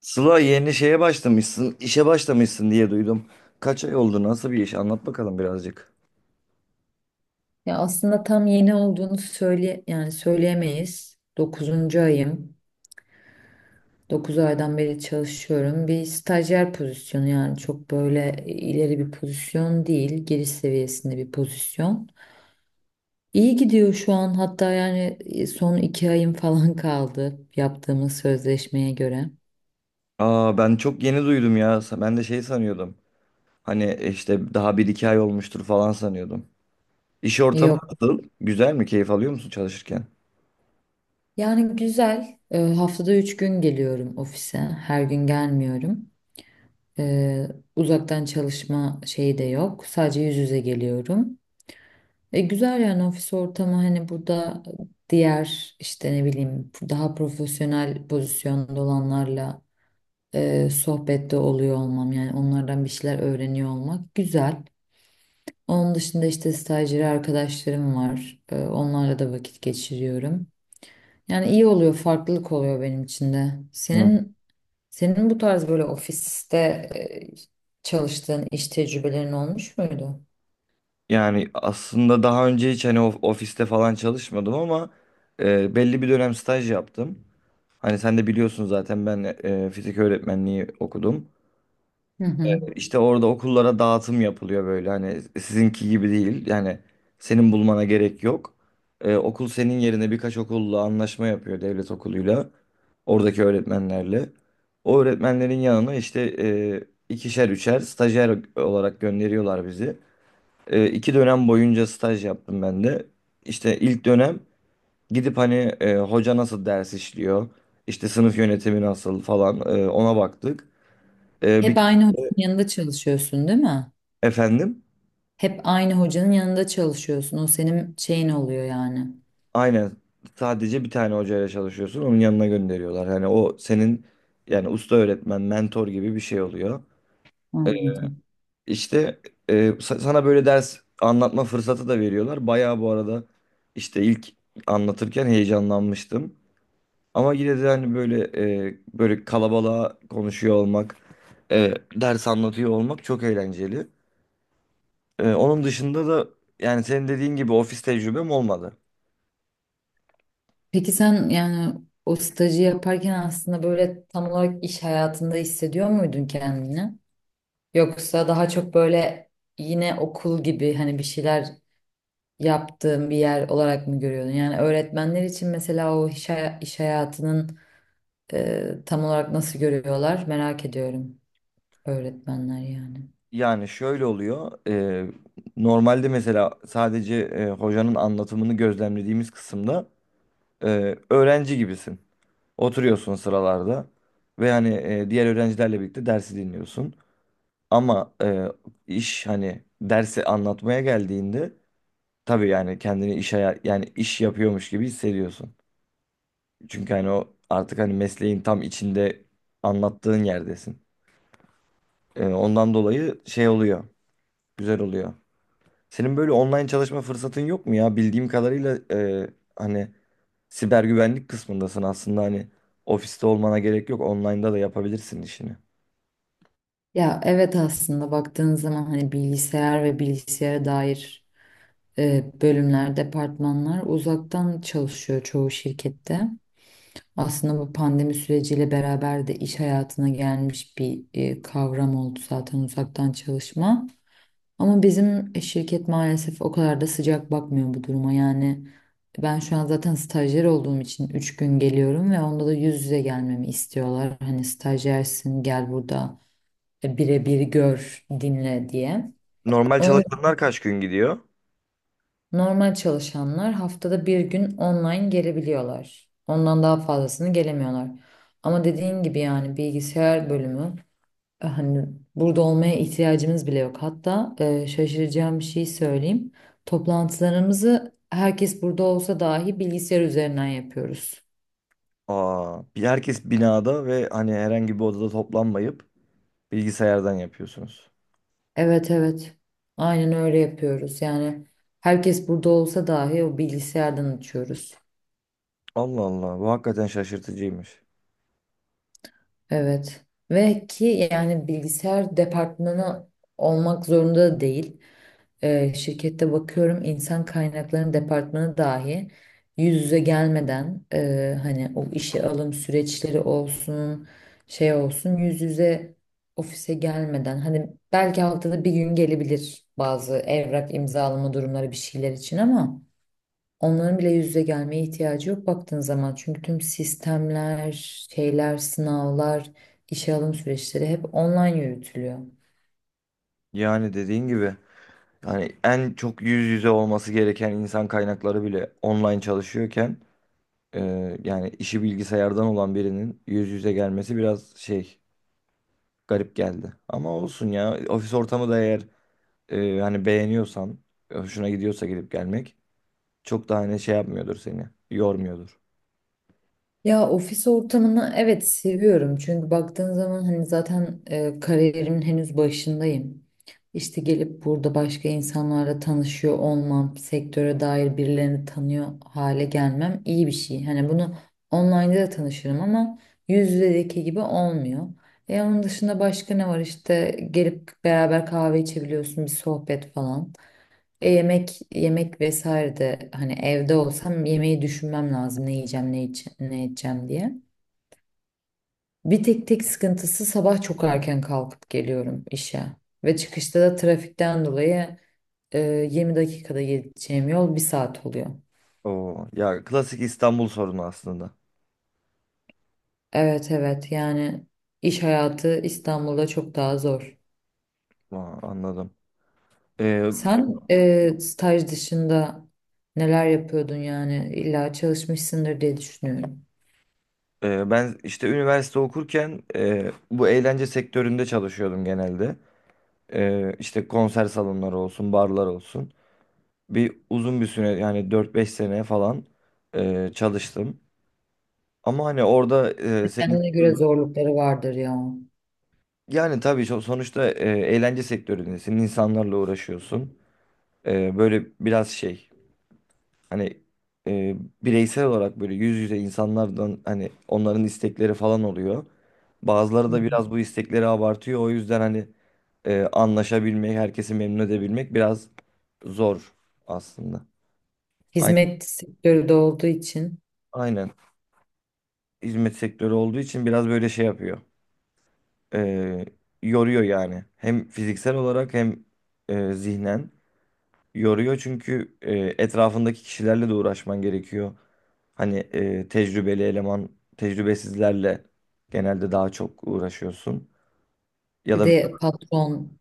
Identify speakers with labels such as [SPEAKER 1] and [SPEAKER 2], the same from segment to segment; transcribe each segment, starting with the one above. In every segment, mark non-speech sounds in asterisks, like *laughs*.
[SPEAKER 1] Sıla yeni şeye başlamışsın, işe başlamışsın diye duydum. Kaç ay oldu, nasıl bir iş? Anlat bakalım birazcık.
[SPEAKER 2] Ya aslında tam yeni olduğunu söyle yani söyleyemeyiz. 9. ayım. 9 aydan beri çalışıyorum. Bir stajyer pozisyonu, yani çok böyle ileri bir pozisyon değil. Giriş seviyesinde bir pozisyon. İyi gidiyor şu an, hatta yani son 2 ayım *laughs* falan kaldı yaptığımız sözleşmeye göre.
[SPEAKER 1] Aa ben çok yeni duydum ya. Ben de şey sanıyordum. Hani işte daha bir iki ay olmuştur falan sanıyordum. İş ortamı
[SPEAKER 2] Yok.
[SPEAKER 1] nasıl? Güzel mi? Keyif alıyor musun çalışırken?
[SPEAKER 2] Yani güzel. Haftada 3 gün geliyorum ofise. Her gün gelmiyorum. Ee, uzaktan çalışma şeyi de yok. Sadece yüz yüze geliyorum. Güzel yani ofis ortamı, hani burada diğer, işte, ne bileyim, daha profesyonel pozisyonda olanlarla sohbette oluyor olmam, yani onlardan bir şeyler öğreniyor olmak güzel. Onun dışında işte stajyeri arkadaşlarım var. Onlarla da vakit geçiriyorum. Yani iyi oluyor, farklılık oluyor benim için de.
[SPEAKER 1] Hı.
[SPEAKER 2] Senin bu tarz böyle ofiste çalıştığın iş tecrübelerin olmuş muydu?
[SPEAKER 1] Yani aslında daha önce hiç hani ofiste falan çalışmadım ama belli bir dönem staj yaptım. Hani sen de biliyorsun zaten ben fizik öğretmenliği okudum.
[SPEAKER 2] Hı hı.
[SPEAKER 1] İşte orada okullara dağıtım yapılıyor böyle hani sizinki gibi değil yani senin bulmana gerek yok. Okul senin yerine birkaç okulla anlaşma yapıyor devlet okuluyla oradaki öğretmenlerle. O öğretmenlerin yanına işte ikişer üçer stajyer olarak gönderiyorlar bizi. 2 dönem boyunca staj yaptım ben de. İşte ilk dönem gidip hani hoca nasıl ders işliyor, işte sınıf yönetimi nasıl falan ona baktık. E, bir
[SPEAKER 2] Hep aynı hocanın yanında çalışıyorsun, değil mi?
[SPEAKER 1] Efendim.
[SPEAKER 2] Hep aynı hocanın yanında çalışıyorsun. O senin şeyin oluyor yani.
[SPEAKER 1] Aynen. Sadece bir tane hocayla çalışıyorsun. Onun yanına gönderiyorlar. Hani o senin yani usta öğretmen, mentor gibi bir şey oluyor.
[SPEAKER 2] Anladım.
[SPEAKER 1] İşte sana böyle ders anlatma fırsatı da veriyorlar. Bayağı bu arada işte ilk anlatırken heyecanlanmıştım. Ama yine de hani böyle böyle kalabalığa konuşuyor olmak, ders anlatıyor olmak çok eğlenceli. Onun dışında da yani senin dediğin gibi ofis tecrübem olmadı.
[SPEAKER 2] Peki sen yani o stajı yaparken aslında böyle tam olarak iş hayatında hissediyor muydun kendini? Yoksa daha çok böyle yine okul gibi hani bir şeyler yaptığın bir yer olarak mı görüyordun? Yani öğretmenler için mesela o iş, iş hayatının tam olarak nasıl görüyorlar merak ediyorum, öğretmenler yani.
[SPEAKER 1] Yani şöyle oluyor. Normalde mesela sadece hocanın anlatımını gözlemlediğimiz kısımda öğrenci gibisin. Oturuyorsun sıralarda ve hani diğer öğrencilerle birlikte dersi dinliyorsun. Ama iş hani dersi anlatmaya geldiğinde tabii yani kendini yani iş yapıyormuş gibi hissediyorsun. Çünkü hani o artık hani mesleğin tam içinde anlattığın yerdesin. Ondan dolayı şey oluyor. Güzel oluyor. Senin böyle online çalışma fırsatın yok mu ya? Bildiğim kadarıyla hani siber güvenlik kısmındasın aslında hani ofiste olmana gerek yok. Online'da da yapabilirsin işini.
[SPEAKER 2] Ya evet, aslında baktığın zaman hani bilgisayar ve bilgisayara dair bölümler, departmanlar uzaktan çalışıyor çoğu şirkette. Aslında bu pandemi süreciyle beraber de iş hayatına gelmiş bir kavram oldu zaten uzaktan çalışma. Ama bizim şirket maalesef o kadar da sıcak bakmıyor bu duruma. Yani ben şu an zaten stajyer olduğum için 3 gün geliyorum ve onda da yüz yüze gelmemi istiyorlar. Hani stajyersin, gel burada birebir gör, dinle diye.
[SPEAKER 1] Normal
[SPEAKER 2] Onun
[SPEAKER 1] çalışanlar kaç gün gidiyor?
[SPEAKER 2] normal çalışanlar haftada bir gün online gelebiliyorlar. Ondan daha fazlasını gelemiyorlar. Ama dediğin gibi yani bilgisayar bölümü, hani burada olmaya ihtiyacımız bile yok. Hatta şaşıracağım bir şey söyleyeyim. Toplantılarımızı herkes burada olsa dahi bilgisayar üzerinden yapıyoruz.
[SPEAKER 1] Aa, herkes binada ve hani herhangi bir odada toplanmayıp bilgisayardan yapıyorsunuz.
[SPEAKER 2] Evet, evet. Aynen öyle yapıyoruz. Yani herkes burada olsa dahi o bilgisayardan açıyoruz.
[SPEAKER 1] Allah Allah, bu hakikaten şaşırtıcıymış.
[SPEAKER 2] Evet. Ve ki yani bilgisayar departmanı olmak zorunda da değil. Şirkette bakıyorum, insan kaynaklarının departmanı dahi yüz yüze gelmeden, hani o işe alım süreçleri olsun, şey olsun, yüz yüze ofise gelmeden, hani belki haftada bir gün gelebilir bazı evrak imzalama durumları, bir şeyler için, ama onların bile yüz yüze gelmeye ihtiyacı yok baktığın zaman. Çünkü tüm sistemler, şeyler, sınavlar, işe alım süreçleri hep online yürütülüyor.
[SPEAKER 1] Yani dediğin gibi yani en çok yüz yüze olması gereken insan kaynakları bile online çalışıyorken yani işi bilgisayardan olan birinin yüz yüze gelmesi biraz şey garip geldi. Ama olsun ya ofis ortamı da eğer hani beğeniyorsan hoşuna gidiyorsa gidip gelmek çok da hani şey yapmıyordur seni yormuyordur.
[SPEAKER 2] Ya ofis ortamını evet seviyorum. Çünkü baktığın zaman hani zaten kariyerimin henüz başındayım. İşte gelip burada başka insanlarla tanışıyor olmam, sektöre dair birilerini tanıyor hale gelmem iyi bir şey. Hani bunu online'da da tanışırım ama yüz yüzedeki gibi olmuyor. E onun dışında başka ne var? İşte gelip beraber kahve içebiliyorsun, bir sohbet falan. E, yemek yemek vesaire de, hani evde olsam yemeği düşünmem lazım, ne yiyeceğim, ne ne edeceğim diye. Bir tek tek sıkıntısı, sabah çok erken kalkıp geliyorum işe ve çıkışta da trafikten dolayı e, 20 dakikada gideceğim yol bir saat oluyor.
[SPEAKER 1] Oo, ya klasik İstanbul sorunu aslında.
[SPEAKER 2] Evet, evet, yani iş hayatı İstanbul'da çok daha zor.
[SPEAKER 1] Aa, anladım. Ee,
[SPEAKER 2] Sen staj dışında neler yapıyordun? Yani illa çalışmışsındır diye düşünüyorum.
[SPEAKER 1] Ben işte üniversite okurken bu eğlence sektöründe çalışıyordum genelde. İşte konser salonları olsun, barlar olsun. Uzun bir süre yani 4 5 sene falan çalıştım. Ama hani orada senin
[SPEAKER 2] Kendine göre zorlukları vardır ya.
[SPEAKER 1] yani tabii sonuçta eğlence sektöründesin, insanlarla uğraşıyorsun. Böyle biraz şey hani e, bireysel olarak böyle yüz yüze insanlardan hani onların istekleri falan oluyor. Bazıları
[SPEAKER 2] Hı
[SPEAKER 1] da
[SPEAKER 2] hı.
[SPEAKER 1] biraz bu istekleri abartıyor. O yüzden hani anlaşabilmek, herkesi memnun edebilmek biraz zor aslında. Aynen.
[SPEAKER 2] Hizmet sektörü de olduğu için
[SPEAKER 1] Aynen. Hizmet sektörü olduğu için biraz böyle şey yapıyor. Ee, Yoruyor yani. Hem fiziksel olarak hem zihnen yoruyor çünkü etrafındaki kişilerle de uğraşman gerekiyor. Hani tecrübeli eleman, tecrübesizlerle genelde daha çok uğraşıyorsun. Ya
[SPEAKER 2] bir
[SPEAKER 1] da
[SPEAKER 2] de patron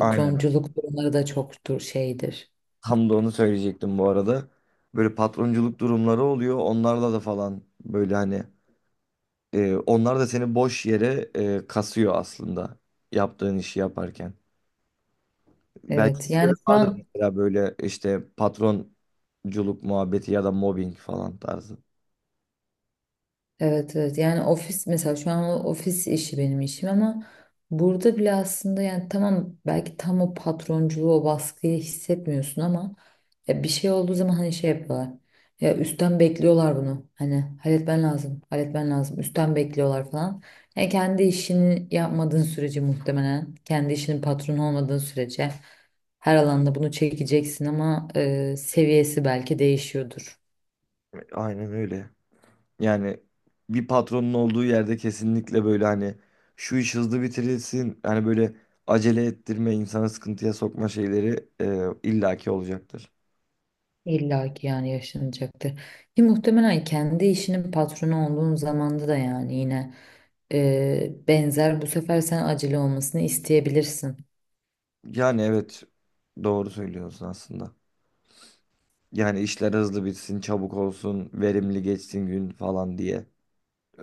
[SPEAKER 1] aynen
[SPEAKER 2] durumları da çoktur, şeydir.
[SPEAKER 1] tam da onu söyleyecektim bu arada. Böyle patronculuk durumları oluyor. Onlarla da falan böyle hani onlar da seni boş yere kasıyor aslında yaptığın işi yaparken. Belki
[SPEAKER 2] Evet
[SPEAKER 1] sizde de
[SPEAKER 2] yani şu
[SPEAKER 1] vardır
[SPEAKER 2] an,
[SPEAKER 1] mesela böyle işte patronculuk muhabbeti ya da mobbing falan tarzı.
[SPEAKER 2] evet, evet, yani ofis mesela şu an o ofis işi benim işim ama burada bile aslında yani, tamam, belki tam o patronculuğu, o baskıyı hissetmiyorsun ama ya bir şey olduğu zaman hani şey yapıyorlar, ya üstten bekliyorlar bunu, hani halletmen lazım, halletmen lazım, üstten bekliyorlar falan. Yani kendi işini yapmadığın sürece, muhtemelen kendi işinin patronu olmadığın sürece her alanda bunu çekeceksin ama seviyesi belki değişiyordur.
[SPEAKER 1] Aynen öyle. Yani bir patronun olduğu yerde kesinlikle böyle hani şu iş hızlı bitirilsin hani böyle acele ettirme insanı sıkıntıya sokma şeyleri illaki olacaktır.
[SPEAKER 2] İlla ki yani yaşanacaktır. Ki muhtemelen kendi işinin patronu olduğun zamanda da yani yine benzer, bu sefer sen acele olmasını isteyebilirsin.
[SPEAKER 1] Yani evet doğru söylüyorsun aslında. Yani işler hızlı bitsin, çabuk olsun, verimli geçsin gün falan diye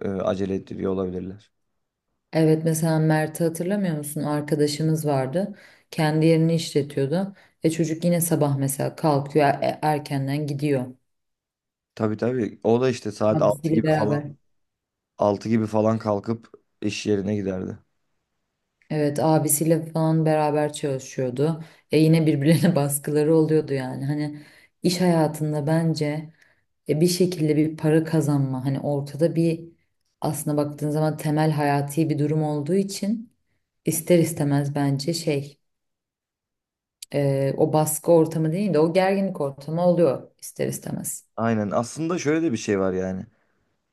[SPEAKER 1] acele ettiriyor olabilirler.
[SPEAKER 2] Evet, mesela Mert'i hatırlamıyor musun? Arkadaşımız vardı. Kendi yerini işletiyordu. E çocuk yine sabah mesela kalkıyor, erkenden gidiyor.
[SPEAKER 1] Tabii tabii. O da işte saat altı
[SPEAKER 2] Abisiyle
[SPEAKER 1] gibi falan
[SPEAKER 2] beraber.
[SPEAKER 1] altı gibi falan kalkıp iş yerine giderdi.
[SPEAKER 2] Evet, abisiyle falan beraber çalışıyordu. E yine birbirlerine *laughs* baskıları oluyordu yani. Hani iş hayatında bence bir şekilde bir para kazanma, hani ortada bir, aslında baktığın zaman temel hayati bir durum olduğu için ister istemez bence şey, o baskı ortamı değil de o gerginlik ortamı oluyor ister istemez.
[SPEAKER 1] Aynen. Aslında şöyle de bir şey var yani.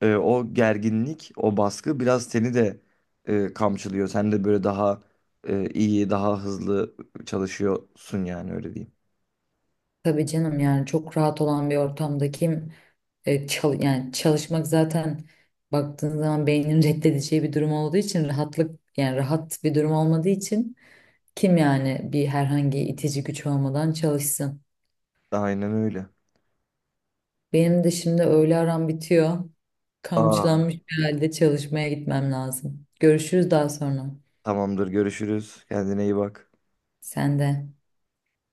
[SPEAKER 1] O gerginlik, o baskı biraz seni de kamçılıyor. Sen de böyle daha iyi, daha hızlı çalışıyorsun yani öyle diyeyim.
[SPEAKER 2] Tabii canım, yani çok rahat olan bir ortamda kim yani çalışmak zaten baktığın zaman beynin *laughs* reddedeceği bir durum olduğu için, rahatlık yani rahat bir durum olmadığı için kim yani, bir herhangi itici güç olmadan çalışsın.
[SPEAKER 1] Aynen öyle.
[SPEAKER 2] Benim de şimdi öğle aram bitiyor.
[SPEAKER 1] Aa,
[SPEAKER 2] Kamçılanmış bir halde çalışmaya gitmem lazım. Görüşürüz daha sonra.
[SPEAKER 1] tamamdır. Görüşürüz. Kendine iyi bak.
[SPEAKER 2] Sen de.